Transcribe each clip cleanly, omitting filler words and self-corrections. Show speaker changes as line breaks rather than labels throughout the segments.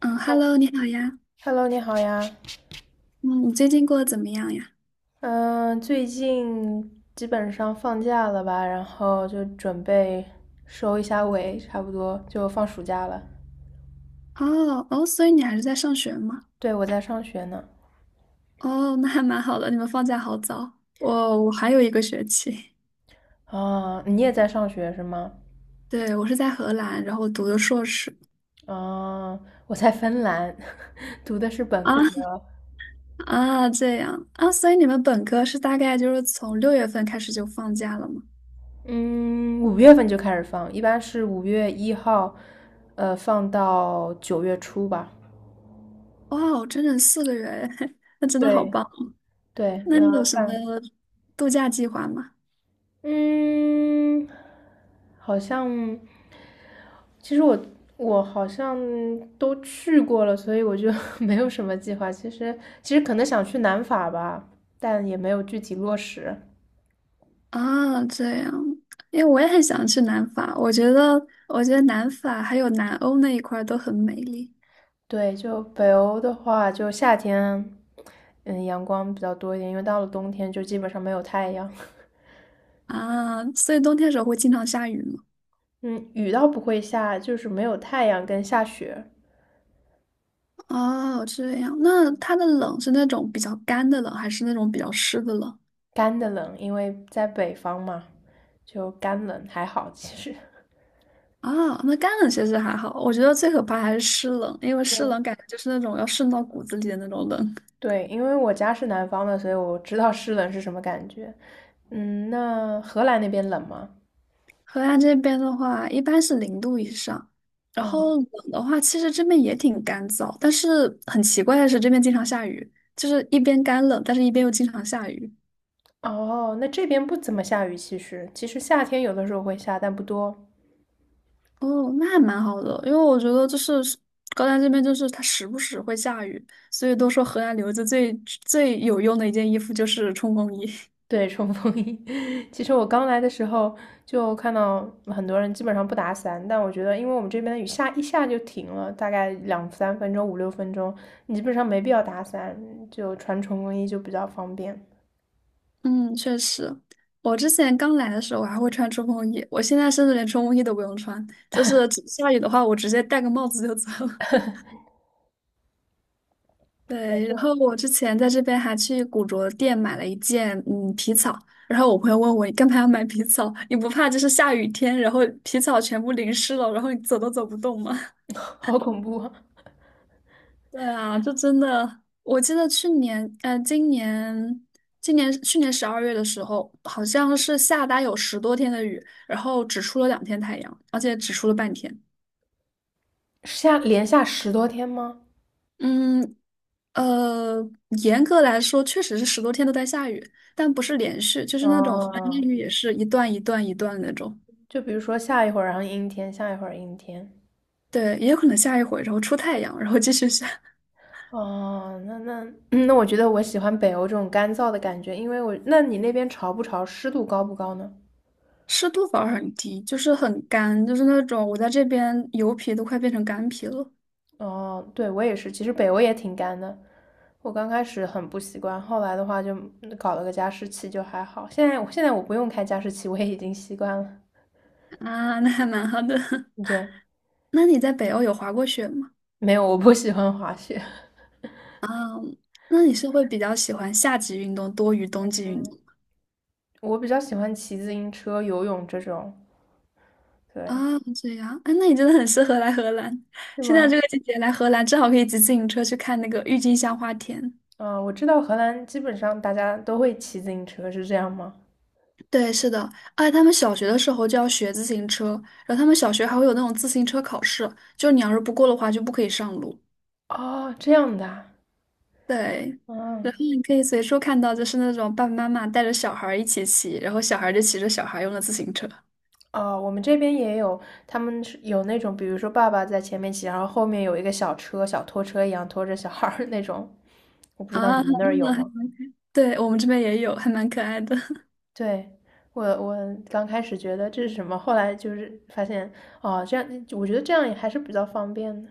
嗯，Hello，你好呀。
Hello，你好呀。
嗯，你最近过得怎么样呀？
嗯，最近基本上放假了吧，然后就准备收一下尾，差不多就放暑假了。
哦哦，所以你还是在上学吗？
对，我在上学呢。
哦，那还蛮好的，你们放假好早。我还有一个学期。
啊，你也在上学是吗？
对，我是在荷兰，然后读的硕士。
啊，我在芬兰，读的是本
啊
科。
啊，这样啊，所以你们本科是大概就是从6月份开始就放假了吗？
嗯，5月份就开始放，一般是5月1号，放到9月初吧。
哇哦，整整4个月，那真的好
对
棒。
对，
那你
要
有什么
放。
度假计划吗？
嗯，好像，其实我好像都去过了，所以我就 没有什么计划。其实可能想去南法吧，但也没有具体落实。
啊，这样，因为我也很想去南法，我觉得，我觉得南法还有南欧那一块儿都很美丽。
对，就北欧的话，就夏天，阳光比较多一点，因为到了冬天就基本上没有太阳。
啊，所以冬天的时候会经常下雨吗？
嗯，雨倒不会下，就是没有太阳跟下雪，
哦，这样，那它的冷是那种比较干的冷，还是那种比较湿的冷？
干的冷，因为在北方嘛，就干冷还好其实。
啊，那干冷其实还好，我觉得最可怕还是湿冷，因为湿冷 感觉就是那种要渗到骨子里的那种冷。
对，因为我家是南方的，所以我知道湿冷是什么感觉。嗯，那荷兰那边冷吗？
河南这边的话，一般是0度以上，然
哦
后冷的话，其实这边也挺干燥，但是很奇怪的是，这边经常下雨，就是一边干冷，但是一边又经常下雨。
哦，那这边不怎么下雨，其实夏天有的时候会下，但不多。
哦，那还蛮好的，因为我觉得就是高丹这边就是它时不时会下雨，所以都说河南留子最有用的一件衣服就是冲锋衣。
对，冲锋衣。其实我刚来的时候就看到很多人基本上不打伞，但我觉得，因为我们这边的雨下一下就停了，大概两三分钟、五六分钟，你基本上没必要打伞，就穿冲锋衣就比较方便。
嗯，确实，我之前刚来的时候我还会穿冲锋衣，我现在甚至连冲锋衣都不用穿，就是只下雨的话，我直接戴个帽子就走。
对，
对，然后我之前在这边还去古着店买了一件嗯皮草，然后我朋友问我你干嘛要买皮草？你不怕就是下雨天，然后皮草全部淋湿了，然后你走都走不动吗？
好恐怖啊！
对啊，就真的，我记得去年，呃，今年今年去年12月的时候，好像是下大概有十多天的雨，然后只出了2天太阳，而且只出了半天。
连下10多天吗？
嗯，呃，严格来说，确实是十多天都在下雨，但不是连续，就是那种横境
哦，
雨，也是一段一段一段那种。
就比如说下一会儿，然后阴天，下一会儿阴天。
对，也有可能下一会然后出太阳，然后继续下。
哦，那 那，我觉得我喜欢北欧这种干燥的感觉，因为我，那你那边潮不潮，湿度高不高呢？
湿度反而很低，就是很干，就是那种我在这边油皮都快变成干皮了。
哦，对，我也是，其实北欧也挺干的，我刚开始很不习惯，后来的话就搞了个加湿器就还好。现在我不用开加湿器，我也已经习惯了。
啊，那还蛮好的。
对，
那你在北欧有滑过雪吗？
没有，我不喜欢滑雪，
那你是会比较喜欢夏季运动多于冬季运动？
我比较喜欢骑自行车、游泳这种。
啊，
对，
这样，啊，那你真的很适合来荷兰。
是
现在
吗？
这个季节来荷兰，正好可以骑自行车去看那个郁金香花田。
啊，我知道荷兰基本上大家都会骑自行车，是这样吗？
对，是的，而且他们小学的时候就要学自行车，然后他们小学还会有那种自行车考试，就你要是不过的话就不可以上路。
哦，这样的啊
对，然
嗯，
后你可以随处看到，就是那种爸爸妈妈带着小孩儿一起骑，然后小孩儿就骑着小孩儿用的自行车。
哦，我们这边也有，他们是有那种，比如说爸爸在前面骑，然后后面有一个小车，小拖车一样拖着小孩儿那种，我不知道
啊，
你们那儿有吗？
对，我们这边也有，还蛮可爱的。
对，我刚开始觉得这是什么，后来就是发现，哦，这样，我觉得这样也还是比较方便的。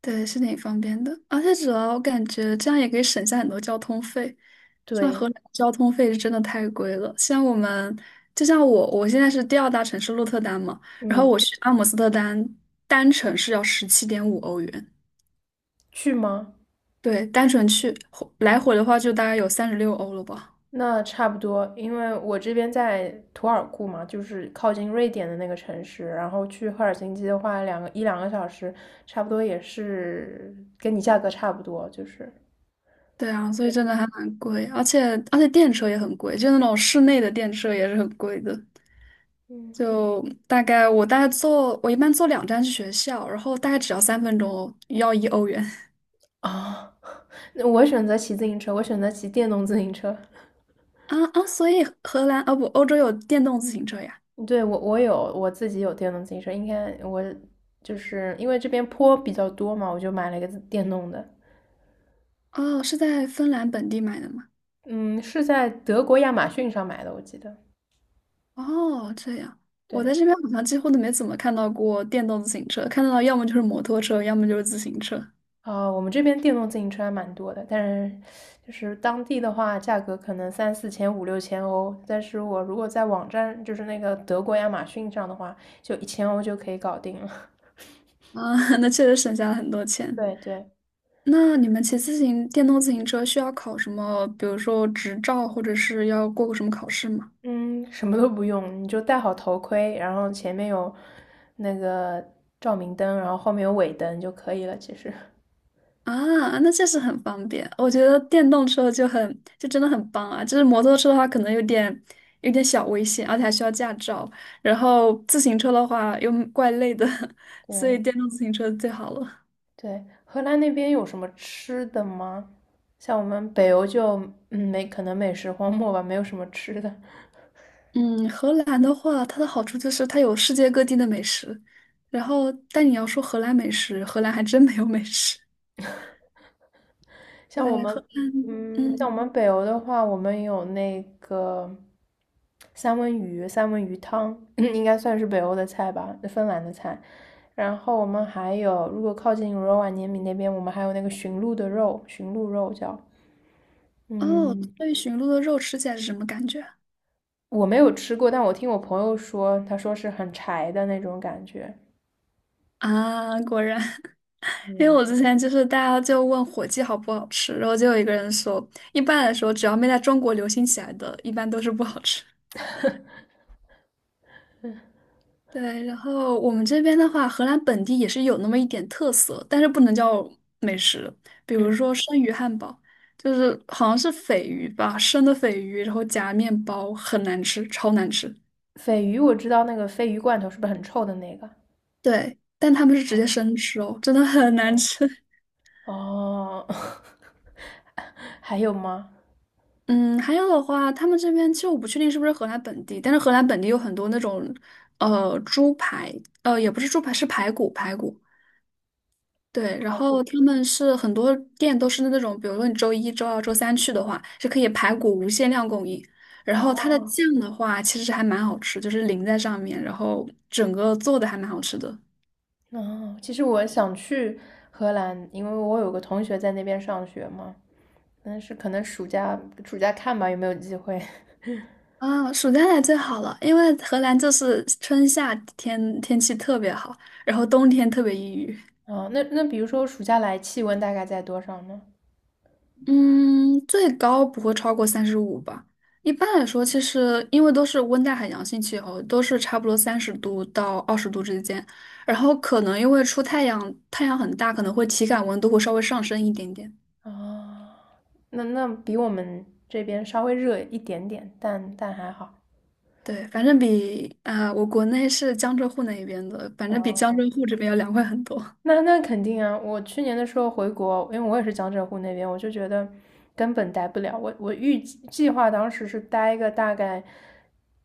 对，是挺方便的，而且主要我感觉这样也可以省下很多交通费。像
对，
荷兰交通费是真的太贵了，像我们，就像我，我现在是第二大城市鹿特丹嘛，然后
嗯，
我去阿姆斯特丹单程是要17.5欧元，
去吗？
对，单程去回来回的话就大概有36欧了吧。
那差不多，因为我这边在图尔库嘛，就是靠近瑞典的那个城市，然后去赫尔辛基的话，一两个小时，差不多也是跟你价格差不多，就是
对啊，所以真的还蛮贵，而且电车也很贵，就那种室内的电车也是很贵的。
嗯，
就大概我大概坐，我一般坐2站去学校，然后大概只要3分钟哦要1欧元。
啊，那我选择骑自行车，我选择骑电动自行车。
啊啊！所以荷兰啊不，欧洲有电动自行车呀？
对，我自己有电动自行车，应该我就是因为这边坡比较多嘛，我就买了一个自电动的，
哦，是在芬兰本地买的吗？
嗯，是在德国亚马逊上买的，我记得，
哦，这样，我
对。
在这边好像几乎都没怎么看到过电动自行车，看到要么就是摩托车，要么就是自行车。
啊，我们这边电动自行车还蛮多的，但是就是当地的话，价格可能三四千、五六千欧。但是我如果在网站，就是那个德国亚马逊上的话，就一千欧就可以搞定了。
啊，那确实省下了很多 钱。
对对，
那你们骑自行电动自行车需要考什么，比如说执照，或者是要过个什么考试吗？
嗯，什么都不用，你就戴好头盔，然后前面有那个照明灯，然后后面有尾灯就可以了。其实，
啊，那确实很方便。我觉得电动车就很，就真的很棒啊。就是摩托车的话，可能有点小危险，而且还需要驾照。然后自行车的话又怪累的，所以
对
电动自行车最好了。
对，荷兰那边有什么吃的吗？像我们北欧就没可能美食荒漠吧，没有什么吃的。
嗯，荷兰的话，它的好处就是它有世界各地的美食。然后，但你要说荷兰美食，荷兰还真没有美食。
像我
对，荷，
们，像我
嗯，
们北欧的话，我们有那个三文鱼，三文鱼汤，应该算是北欧的菜吧，芬兰的菜。然后我们还有，如果靠近罗瓦涅米那边，我们还有那个驯鹿的肉，驯鹿肉叫，
哦，
嗯，
对，驯鹿的肉吃起来是什么感觉？
我没有吃过，但我听我朋友说，他说是很柴的那种感觉。
啊，啊果然。因为
嗯，
我之前就是大家就问火鸡好不好吃，然后就有一个人说，一般来说只要没在中国流行起来的，一般都是不好吃。对，然后我们这边的话，荷兰本地也是有那么一点特色，但是不能叫美食，比如
嗯，
说生鱼汉堡，就是好像是鲱鱼吧，生的鲱鱼，然后夹面包，很难吃，超难吃。
鲱鱼我知道那个鲱鱼罐头是不是很臭的那个？
对，但他们是直
啊，
接生吃哦，真的很难吃。
哦，还有吗？
嗯，还有的话，他们这边其实我不确定是不是荷兰本地，但是荷兰本地有很多那种，猪排，也不是猪排，是排骨，排骨。对，然后他们是很多店都是那种，比如说你周一周二周三去的话，是可以排骨无限量供应。然后
哦，
它的酱的话，其实还蛮好吃，就是淋在上面，然后整个做的还蛮好吃的。
那其实我想去荷兰，因为我有个同学在那边上学嘛，但是可能暑假看吧，有没有机会。
啊，暑假来最好了，因为荷兰就是春夏天天气特别好，然后冬天特别抑郁。
啊、那比如说暑假来，气温大概在多少呢？
嗯，最高不会超过35吧。一般来说，其实因为都是温带海洋性气候，都是差不多30度到20度之间。然后可能因为出太阳，太阳很大，可能会体感温度会稍微上升一点点。
啊、那比我们这边稍微热一点点，但还好。
对，反正比啊、我国内是江浙沪那一边的，反正比江浙
哦
沪这边要凉快很多。
那肯定啊！我去年的时候回国，因为我也是江浙沪那边，我就觉得根本待不了。我预计计划当时是待个大概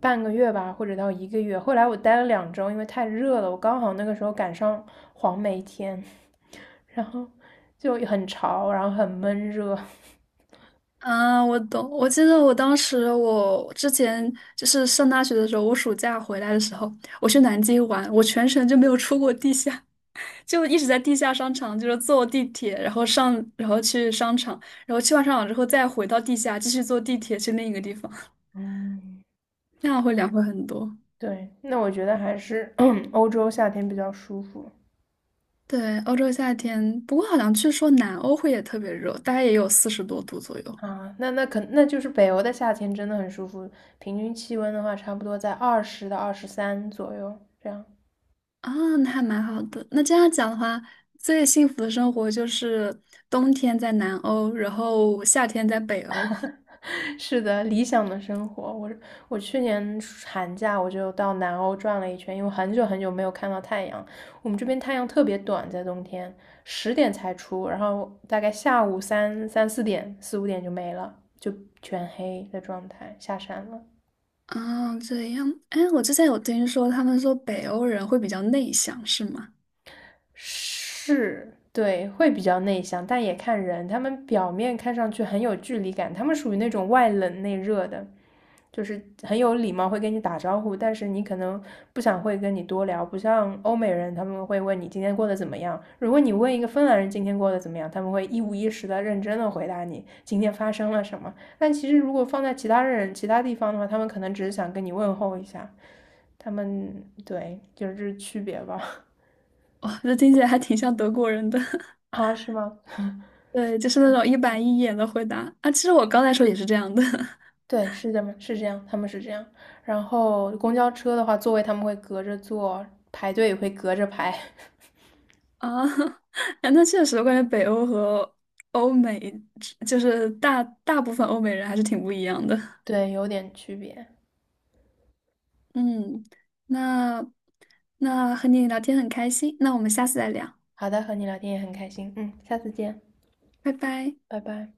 半个月吧，或者到一个月。后来我待了两周，因为太热了，我刚好那个时候赶上黄梅天，然后就很潮，然后很闷热。
啊，我懂。我记得我当时，我之前就是上大学的时候，我暑假回来的时候，我去南京玩，我全程就没有出过地下。就一直在地下商场，就是坐地铁，然后上，然后去商场，然后去完商场之后再回到地下，继续坐地铁去另一个地方，
嗯，
那样会凉快很多。
对，那我觉得还是 欧洲夏天比较舒服。
对，欧洲夏天，不过好像据说南欧会也特别热，大概也有40多度左右。
啊，那就是北欧的夏天真的很舒服，平均气温的话，差不多在20到23左右这样。
啊，那还蛮好的。那这样讲的话，最幸福的生活就是冬天在南欧，然后夏天在北欧。
是的，理想的生活。我去年寒假我就到南欧转了一圈，因为很久很久没有看到太阳。我们这边太阳特别短，在冬天10点才出，然后大概下午三四点四五点就没了，就全黑的状态，下山了。
啊，这样，哎，我之前有听说，他们说北欧人会比较内向，是吗？
是，对，会比较内向，但也看人。他们表面看上去很有距离感，他们属于那种外冷内热的，就是很有礼貌，会跟你打招呼，但是你可能不想会跟你多聊。不像欧美人，他们会问你今天过得怎么样。如果你问一个芬兰人今天过得怎么样，他们会一五一十的认真的回答你今天发生了什么。但其实如果放在其他人其他地方的话，他们可能只是想跟你问候一下。他们对，就是这是区别吧？
哇，这听起来还挺像德国人的。
啊，是吗？
对，就是那种一板一眼的回答啊。其实我刚才说也是这样的。
对，是这么是这样，他们是这样。然后公交车的话，座位他们会隔着坐，排队也会隔着排，
啊。哎那确实，我感觉北欧和欧美，就是大部分欧美人还是挺不一样的。
对，有点区别。
嗯，那那和你聊天很开心，那我们下次再聊，
好的，和你聊天也很开心，嗯，下次见，
拜拜。
拜拜。